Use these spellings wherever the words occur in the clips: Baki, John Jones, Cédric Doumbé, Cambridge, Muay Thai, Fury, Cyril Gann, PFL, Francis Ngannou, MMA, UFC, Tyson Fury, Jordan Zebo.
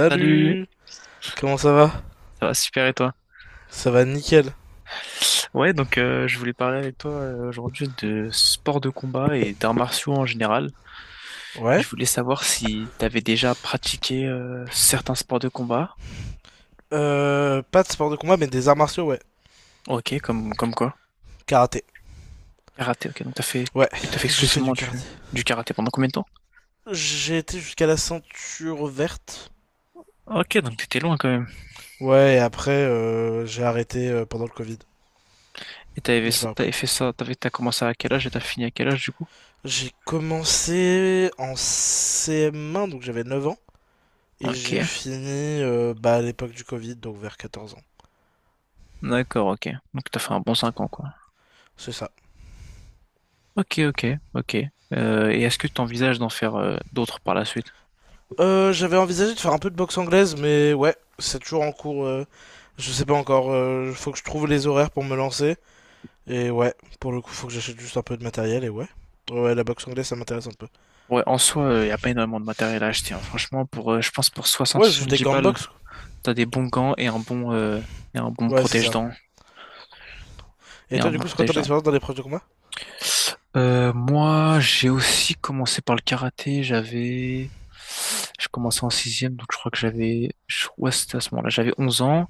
Salut, Comment ça va? ça va super et toi? Ça va nickel. Ouais, donc je voulais parler avec toi aujourd'hui de sport de combat et d'arts martiaux en général. Ouais. Je voulais savoir si t'avais déjà pratiqué certains sports de combat. Pas de sport de combat, mais des arts martiaux, ouais. Ok, comme quoi? Karaté. Karaté, ok, donc t'as fait Ouais, t'as fait j'ai fait du exclusivement du, karaté. du karaté pendant combien de temps? J'ai été jusqu'à la ceinture verte. Ok, donc t'étais loin quand même. Ouais, et après, j'ai arrêté pendant le Covid. Et Et j'ai pas repris. t'avais fait ça, t'as commencé à quel âge et t'as fini à quel âge du coup? J'ai commencé en CM1, donc j'avais 9 ans. Et Ok, j'ai fini bah, à l'époque du Covid, donc vers 14 ans. d'accord, ok. Donc t'as fait un bon 5 ans quoi. C'est ça. Ok, ok, ok. Et est-ce que tu envisages d'en faire d'autres par la suite? J'avais envisagé de faire un peu de boxe anglaise, mais ouais, c'est toujours en cours. Je sais pas encore. Faut que je trouve les horaires pour me lancer. Et ouais, pour le coup, faut que j'achète juste un peu de matériel. Et ouais, ouais, la boxe anglaise, ça m'intéresse un peu. Ouais, en soi, il n'y a pas énormément de matériel à acheter, hein. Franchement, pour, je pense pour soixante Ouais, juste des soixante-dix gants de balles, boxe. t'as des bons gants et un bon Ouais, c'est ça. protège-dents. Et Et un toi, du bon coup, c'est quoi ton protège expérience dans les proches de combat? Moi, j'ai aussi commencé par le karaté. Je commençais en sixième, donc je crois que ouais, c'était à ce moment-là, j'avais 11 ans.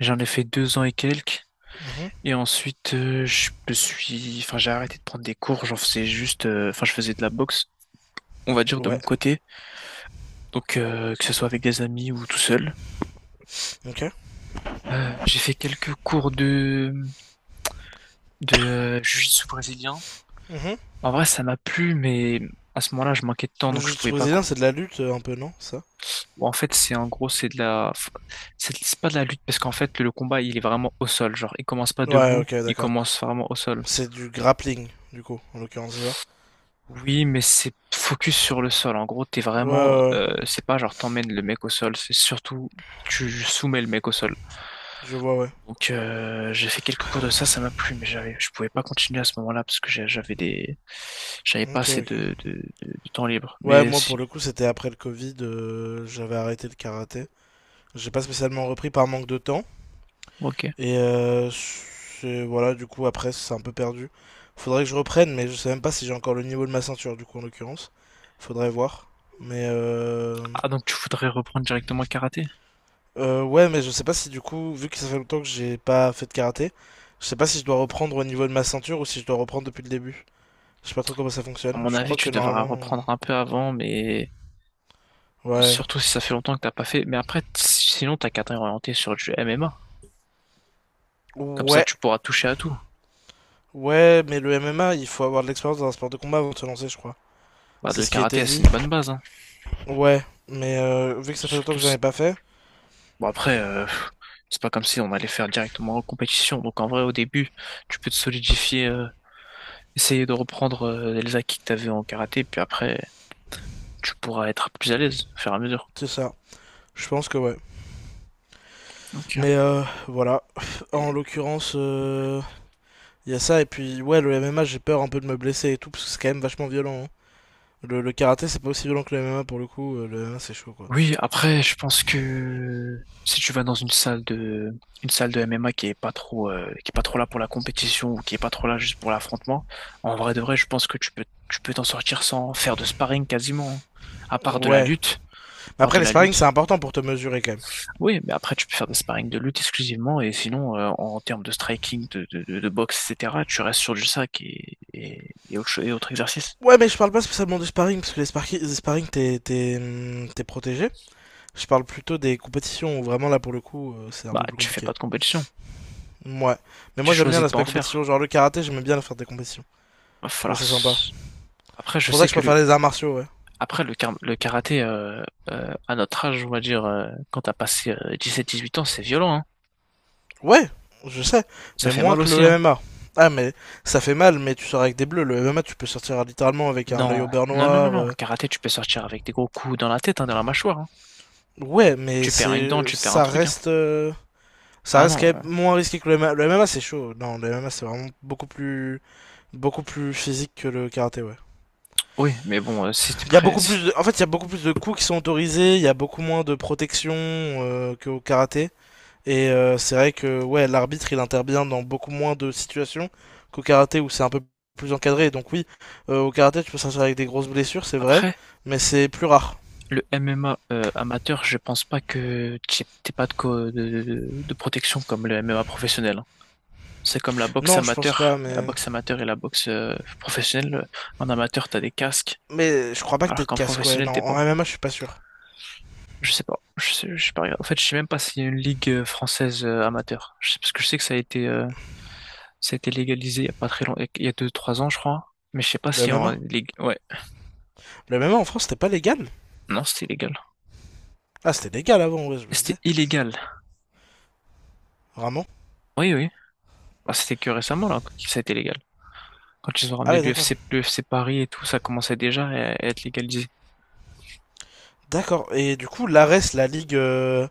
J'en ai fait 2 ans et quelques. Mhm. Et ensuite, enfin, j'ai arrêté de prendre des cours. J'en faisais enfin, je faisais de la boxe, on va dire de Ouais. mon côté. Donc, que ce soit avec des amis ou tout seul. Ok. J'ai fait quelques cours de jiu-jitsu brésilien. Mhm. En vrai, ça m'a plu, mais à ce moment-là, je manquais de temps, Le donc je jiu-jitsu pouvais pas. brésilien, c'est de la lutte un peu, non? Ça? Bon, en fait, c'est en gros, c'est pas de la lutte parce qu'en fait, le combat, il est vraiment au sol. Genre, il commence pas Ouais, debout, ok, il d'accord. commence vraiment au sol. C'est du grappling, du coup, en l'occurrence, c'est ça? Oui, mais c'est focus sur le sol. En gros, t'es Ouais, ouais, ouais. C'est pas genre t'emmènes le mec au sol, c'est surtout tu soumets le mec au sol. Je vois, ouais. Donc, j'ai fait quelques cours de ça, ça m'a plu, mais je pouvais pas continuer à ce moment-là parce que j'avais pas Ok, assez ok. De, temps libre. Ouais, Mais moi pour si, le coup, c'était après le Covid, j'avais arrêté le karaté. J'ai pas spécialement repris par manque de temps. ok. Et voilà, du coup, après, c'est un peu perdu. Faudrait que je reprenne, mais je sais même pas si j'ai encore le niveau de ma ceinture, du coup, en l'occurrence. Faudrait voir. Mais euh... Ah, donc tu voudrais reprendre directement le karaté? Ouais, mais je sais pas si du coup, vu que ça fait longtemps que j'ai pas fait de karaté, je sais pas si je dois reprendre au niveau de ma ceinture ou si je dois reprendre depuis le début. Je sais pas trop comment ça À fonctionne. mon Je avis, crois que tu devras normalement. reprendre un peu avant, mais Ouais. surtout si ça fait longtemps que t'as pas fait. Mais après, sinon, t'as qu'à t'orienter sur du MMA. Comme ça, Ouais, tu pourras toucher à tout. ouais, mais le MMA, il faut avoir de l'expérience dans un sport de combat avant de se lancer, je crois. Bah, C'est le ce qui était karaté, dit. c'est une bonne base, hein. Ouais, mais vu que ça fait longtemps Surtout que j'en si. ai pas fait, Bon, après, c'est pas comme si on allait faire directement en compétition. Donc, en vrai, au début, tu peux te solidifier, essayer de reprendre les acquis que t'avais en karaté. Puis après, tu pourras être plus à l'aise, au fur et à mesure. c'est ça. Je pense que ouais. Ok. Mais voilà. En l'occurrence, il y a ça. Et puis, ouais, le MMA, j'ai peur un peu de me blesser et tout, parce que c'est quand même vachement violent, hein. Le karaté, c'est pas aussi violent que le MMA pour le coup. Le MMA, c'est chaud, quoi. Oui, après, je pense que si tu vas dans une salle de MMA qui est pas trop, qui est pas trop là pour la compétition ou qui est pas trop là juste pour l'affrontement, en vrai de vrai, je pense que tu peux t'en sortir sans faire de sparring quasiment, hein. à part de la Ouais. lutte, à Mais part après, de les la sparring, c'est lutte. important pour te mesurer quand même. Oui, mais après, tu peux faire des sparring de lutte exclusivement et sinon, en termes de striking, de boxe, etc., tu restes sur du sac et, et autre exercice. Ouais, mais je parle pas spécialement du sparring, parce que les sparring, t'es protégé. Je parle plutôt des compétitions où vraiment là pour le coup c'est un Bah, peu plus tu fais compliqué. pas de compétition. Ouais. Mais Tu moi j'aime bien choisis de pas l'aspect en compétition, faire. genre le karaté j'aimais bien faire des compétitions. Va Je trouvais falloir. ça sympa. Après, je Pour ça que sais je que le préfère les arts martiaux, ouais. Après, le, kar- le karaté, à notre âge, on va dire, quand t'as passé 17-18 ans, c'est violent, hein. Ouais, je sais, Ça mais fait moins mal que aussi, le hein. MMA. Ah mais ça fait mal, mais tu sors avec des bleus. Le MMA tu peux sortir littéralement avec un œil Non, au beurre non, non, non, noir. non. euh. Karaté, tu peux sortir avec des gros coups dans la tête, hein, dans la mâchoire, hein. Ouais, mais Tu perds une dent, c'est tu perds un ça truc, hein. reste Ah non, quand euh, même moins risqué que le MMA. Le MMA c'est chaud. Non, le MMA c'est vraiment beaucoup plus physique que le karaté, ouais. oui, mais bon, si t'es Il y a prêt. beaucoup plus de... En fait, il y a beaucoup plus de coups qui sont autorisés, il y a beaucoup moins de protection qu'au karaté. Et c'est vrai que ouais, l'arbitre, il intervient dans beaucoup moins de situations qu'au karaté où c'est un peu plus encadré. Donc oui, au karaté, tu peux sortir avec des grosses blessures, c'est vrai, Après, mais c'est plus rare. le MMA amateur, je pense pas que t'aies pas de, de protection comme le MMA professionnel, hein. C'est comme la boxe Non, je pense pas, amateur, mais... et la boxe professionnelle. En amateur, t'as des casques, Mais je crois pas que t'aies alors de qu'en casque, quoi. professionnel, Non, t'es pas. en MMA, je suis pas sûr. Je sais pas. Je sais pas. En fait, je sais même pas s'il y a une ligue française amateur. Je sais, parce que je sais que ça a été légalisé il y a pas très longtemps, il y a 2-3 ans, je crois. Mais je sais pas Le s'il y a en MMA. ligue. Ouais. En France, c'était pas légal. Non, c'était illégal. Ah, c'était légal avant, ouais, je me disais. C'était illégal. Vraiment? Oui, oui. Bah, c'était que récemment là que ça a été légal. Quand ils ont Ah ramené ouais, d'accord. l'UFC, l'UFC Paris et tout, ça commençait déjà à être légalisé. D'accord. Et du coup, l'ARES, la ligue... euh,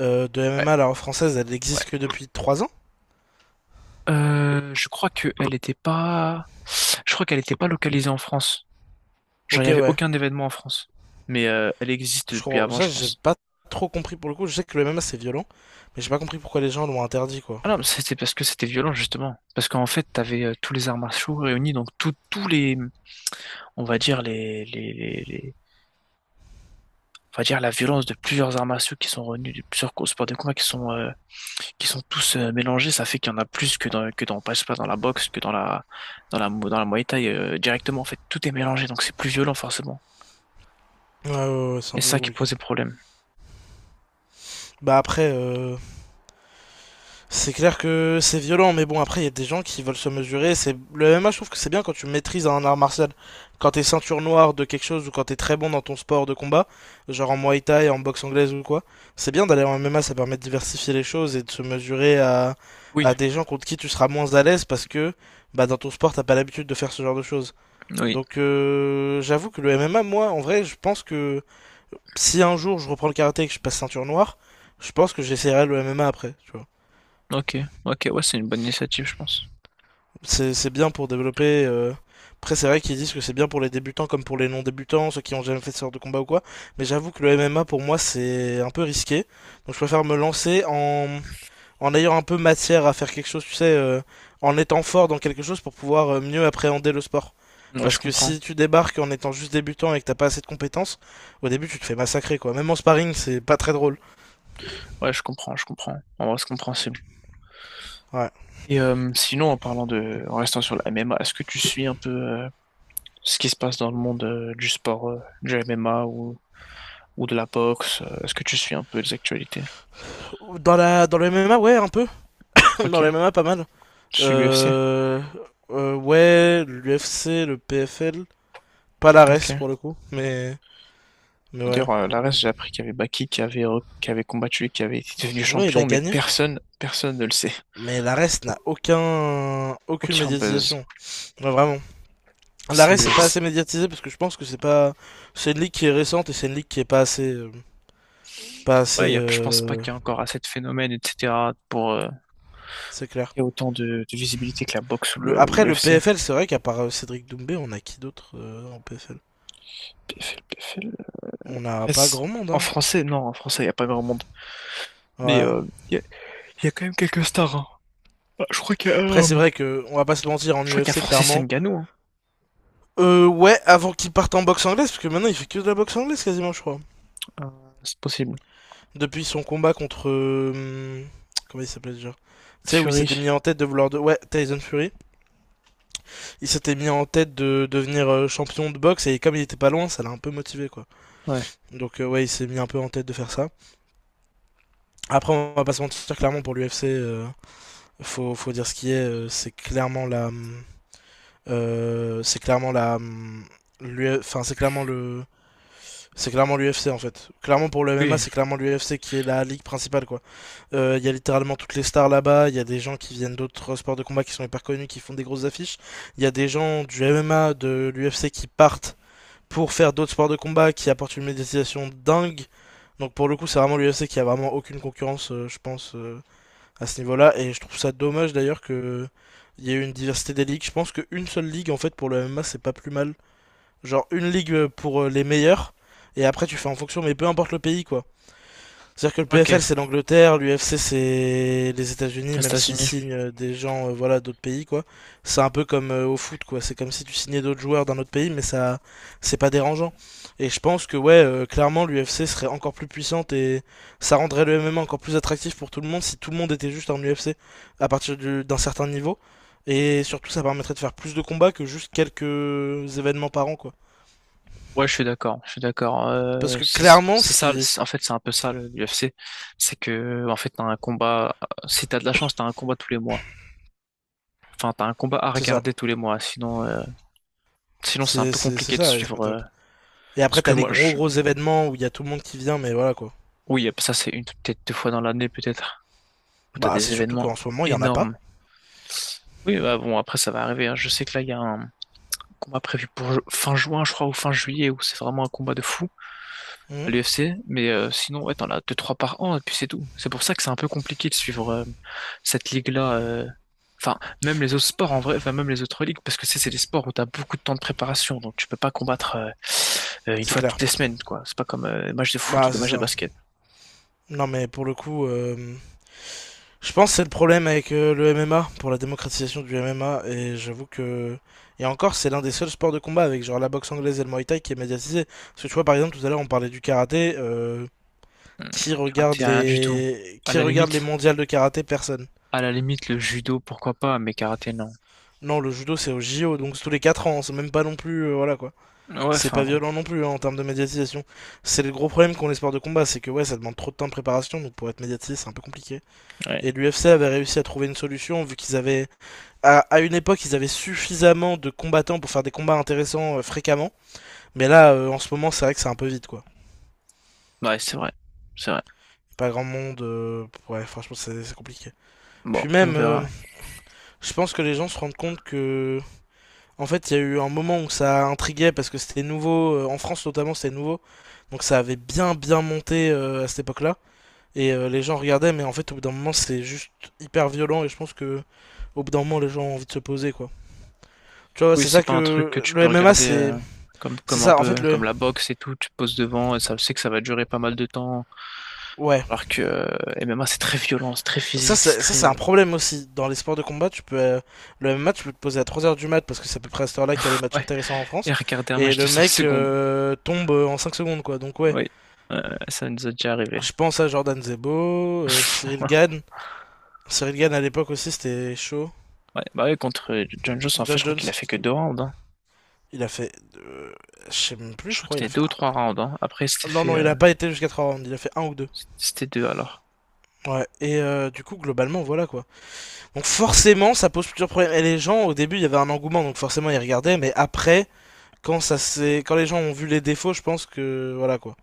euh, de Ouais, MMA, la française, elle ouais. existe que depuis 3 ans. Je crois que elle était pas. Je crois qu'elle était pas localisée en France. Genre, il Ok, y avait ouais. aucun événement en France. Mais elle existe Je depuis crois... avant, Ça, je j'ai pense. pas trop compris pour le coup. Je sais que le MMA, c'est violent, mais j'ai pas compris pourquoi les gens l'ont interdit, quoi. Ah non, mais c'était parce que c'était violent justement. Parce qu'en fait, t'avais tous les arts martiaux réunis, donc tous les, on va dire on va dire la violence de plusieurs arts martiaux qui sont réunis, de plusieurs sports de combat qui sont tous mélangés. Ça fait qu'il y en a plus que dans, je sais pas, dans la boxe, que dans la, dans la Muay Thai directement. En fait, tout est mélangé, donc c'est plus violent forcément. Ouais, ouais, ouais, c'est Et un c'est peu ça qui compliqué. posait problème. Bah après, c'est clair que c'est violent, mais bon, après, il y a des gens qui veulent se mesurer. C'est Le MMA, je trouve que c'est bien quand tu maîtrises un art martial. Quand t'es ceinture noire de quelque chose ou quand t'es très bon dans ton sport de combat, genre en Muay Thai, en boxe anglaise ou quoi, c'est bien d'aller en MMA, ça permet de diversifier les choses et de se mesurer à, Oui, des gens contre qui tu seras moins à l'aise parce que bah, dans ton sport, t'as pas l'habitude de faire ce genre de choses. oui. Donc, j'avoue que le MMA, moi, en vrai, je pense que si un jour je reprends le karaté et que je passe ceinture noire, je pense que j'essaierai le MMA après, tu vois. Ok, ok, ouais, c'est une bonne initiative, je pense. C'est bien pour développer. Après, c'est vrai qu'ils disent que c'est bien pour les débutants comme pour les non-débutants, ceux qui ont jamais fait de sport de combat ou quoi. Mais j'avoue que le MMA pour moi c'est un peu risqué. Donc je préfère me lancer en, ayant un peu matière à faire quelque chose, tu sais, en étant fort dans quelque chose pour pouvoir mieux appréhender le sport. Ouais, je Parce que comprends. si tu débarques en étant juste débutant et que t'as pas assez de compétences, au début tu te fais massacrer quoi. Même en sparring, c'est pas très drôle. Ouais, je comprends, je comprends. En vrai, je comprends. Ouais. Et sinon, en restant sur la MMA, est-ce que tu suis un peu ce qui se passe dans le monde du sport, du MMA ou, de la boxe? Est-ce que tu suis un peu les actualités? Dans le MMA, ouais, un peu. Ok, Dans le MMA, pas mal. je suis l'UFC. Euh, ouais, l'UFC, le PFL, pas la reste Ok. pour le coup, mais ouais. D'ailleurs, là, reste, j'ai appris qu'il y avait Baki qui avait combattu et qui avait été devenu Ouais, il champion, a mais gagné. personne, personne ne le sait. Mais la reste n'a aucun aucune Aucun buzz. médiatisation. Ouais, vraiment. La C'est, reste c'est pas c'est- assez médiatisé parce que je pense que c'est pas c'est une ligue qui est récente et c'est une ligue qui est pas assez euh, pas ouais, assez je pense pas euh, qu'il y a encore assez de phénomènes, etc. pour c'est clair. qu'il y ait autant de visibilité que la boxe ou Le ou après le l'UFC. PFL, c'est vrai qu'à part Cédric Doumbé, on a qui d'autre en PFL? PFL, On n'a après, pas grand monde, en hein. français, non, en français, il n'y a pas grand monde. Mais Ouais. Il y a, y a quand même quelques stars, hein. Bah, Après c'est vrai que on va pas se mentir en je crois qu'il y a UFC Francis clairement. Ngannou, hein. Ouais, avant qu'il parte en boxe anglaise, parce que maintenant il fait que de la boxe anglaise quasiment, je crois. Euh, c'est possible. Depuis son combat contre, comment il s'appelait déjà? Tu sais, où il Fury, s'était mis en tête de vouloir. De... Ouais, Tyson Fury. Il s'était mis en tête de devenir champion de boxe, et comme il était pas loin, ça l'a un peu motivé, quoi. ouais. Donc, ouais, il s'est mis un peu en tête de faire ça. Après, on va pas se mentir, clairement, pour l'UFC, faut dire ce qui est, c'est clairement la. Enfin, c'est clairement le C'est clairement l'UFC en fait. Clairement pour le MMA, Oui, c'est clairement l'UFC qui est la ligue principale, quoi. Il y a littéralement toutes les stars là-bas, il y a des gens qui viennent d'autres sports de combat qui sont hyper connus, qui font des grosses affiches. Il y a des gens du MMA, de l'UFC qui partent pour faire d'autres sports de combat qui apportent une médiatisation dingue. Donc pour le coup, c'est vraiment l'UFC qui a vraiment aucune concurrence, je pense, à ce niveau-là. Et je trouve ça dommage d'ailleurs que il y ait une diversité des ligues. Je pense qu'une seule ligue en fait pour le MMA, c'est pas plus mal. Genre une ligue pour les meilleurs. Et après, tu fais en fonction, mais peu importe le pays, quoi. C'est-à-dire que le ok. PFL, c'est l'Angleterre, l'UFC, c'est les États-Unis, Les même s'ils États-Unis. signent des gens, voilà, d'autres pays, quoi. C'est un peu comme au foot, quoi. C'est comme si tu signais d'autres joueurs d'un autre pays, mais ça, c'est pas dérangeant. Et je pense que, ouais, clairement, l'UFC serait encore plus puissante et ça rendrait le MMA encore plus attractif pour tout le monde si tout le monde était juste en UFC à partir d'un certain niveau. Et surtout, ça permettrait de faire plus de combats que juste quelques événements par an, quoi. Ouais, je suis d'accord. Je suis d'accord. Parce Euh, que c'est clairement, c'est ce ça. qui. En fait, c'est un peu ça l'UFC. C'est que, en fait, t'as un combat. Si t'as de la chance, t'as un combat tous les mois. Enfin, t'as un combat à C'est ça. regarder tous les mois. Sinon, c'est un peu compliqué de Ça, et c'est pas suivre. Top. Et Ce après, que t'as les moi, gros je. gros événements où il y a tout le monde qui vient, mais voilà quoi. Oui, ça c'est une peut-être deux fois dans l'année, peut-être, où t'as Bah, des c'est surtout événements qu'en ce moment, il y en a pas. énormes. Oui, bah bon, après ça va arriver, hein. Je sais que là, il y a un combat prévu pour fin juin, je crois, ou fin juillet, où c'est vraiment un combat de fou à Mhm. l'UFC. Mais sinon, ouais, t'en as 2-3 par an, et puis c'est tout. C'est pour ça que c'est un peu compliqué de suivre cette ligue-là. Enfin, même les autres sports en vrai, enfin même les autres ligues, parce que c'est des sports où t'as beaucoup de temps de préparation, donc tu peux pas combattre une C'est fois clair. toutes les semaines, quoi. C'est pas comme des matchs de foot ou Bah, des c'est matchs de ça. basket. Non, mais pour le coup, je pense que c'est le problème avec le MMA, pour la démocratisation du MMA, et j'avoue que. Et encore, c'est l'un des seuls sports de combat avec genre la boxe anglaise et le Muay Thai qui est médiatisé. Parce que tu vois, par exemple, tout à l'heure, on parlait du karaté. euh, Hmm. Qui regarde Karaté, rien du tout. les À la limite, mondiales de karaté? Personne. à la limite, le judo, pourquoi pas, mais karaté, non. Non, le judo c'est au JO, donc c'est tous les 4 ans, c'est même pas non plus, voilà quoi. Ouais, C'est enfin pas bon. violent non plus, hein, en termes de médiatisation. C'est le gros problème qu'ont les sports de combat, c'est que ouais, ça demande trop de temps de préparation, donc pour être médiatisé c'est un peu compliqué. Ouais, Et l'UFC avait réussi à trouver une solution, vu qu'ils avaient, à, une époque, ils avaient suffisamment de combattants pour faire des combats intéressants fréquemment, mais là en ce moment c'est vrai que c'est un peu vite, quoi. ouais, c'est vrai. C'est vrai. Pas grand monde, ouais, franchement c'est compliqué. Bon, Puis on même, verra. je pense que les gens se rendent compte que en fait, il y a eu un moment où ça intriguait parce que c'était nouveau, en France notamment, c'était nouveau. Donc ça avait bien bien monté à cette époque-là et les gens regardaient mais en fait au bout d'un moment c'est juste hyper violent et je pense que au bout d'un moment les gens ont envie de se poser, quoi. Tu vois, Oui, c'est c'est ça pas un truc que que tu le peux MMA regarder c'est comme, c'est comme un ça en fait, peu le comme la boxe et tout, tu te poses devant et ça, c'est que ça va durer pas mal de temps. ouais. Alors que MMA, c'est très violent, c'est très Ça physique, c'est c'est ça c'est très. un problème aussi dans les sports de combat, tu peux le MMA tu peux te poser à 3 heures du mat parce que c'est à peu près à cette heure-là qu'il y a les matchs Ouais, intéressants en France et regarder un et match de le 5 mec secondes. Tombe en 5 secondes, quoi. Donc ouais, Oui, ça nous est déjà arrivé. je pense à Jordan Zebo, Cyril Gann. Cyril Gann à l'époque aussi c'était chaud. Ouais, bah ouais, contre John Jones, en fait, John je crois qu'il a Jones, fait que 2 rounds, hein. il a fait, je sais même plus, Je je crois que crois, il a c'était deux fait ou trois un. rounds. hein. Après, il s'était Non, fait. non, il a pas été jusqu'à 3 rounds, il a fait un ou deux. C'était deux alors. Ouais, et du coup, globalement, voilà quoi. Donc forcément, ça pose plusieurs problèmes. Et les gens, au début, il y avait un engouement, donc forcément, ils regardaient, mais après, quand les gens ont vu les défauts, je pense que, voilà quoi.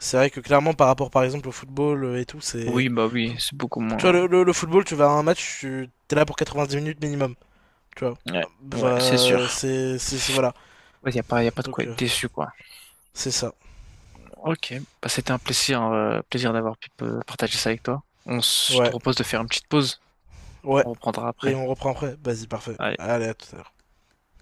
C'est vrai que clairement, par rapport par exemple au football et tout, c'est. Oui, bah oui, c'est beaucoup Tu vois, moins. le football, tu vas à un match, tu t'es là pour 90 minutes minimum. Tu vois. Ouais, ouais, c'est Bah, sûr. c'est, c'est, c'est- voilà. Il n'y a pas, y a pas de quoi Donc, être déçu, quoi. c'est ça. Ok, bah c'était un plaisir, d'avoir pu partager ça avec toi. Je te Ouais, propose de faire une petite pause. ouais. On reprendra Et après. on reprend après. Vas-y, parfait. Allez. Allez, à tout à l'heure.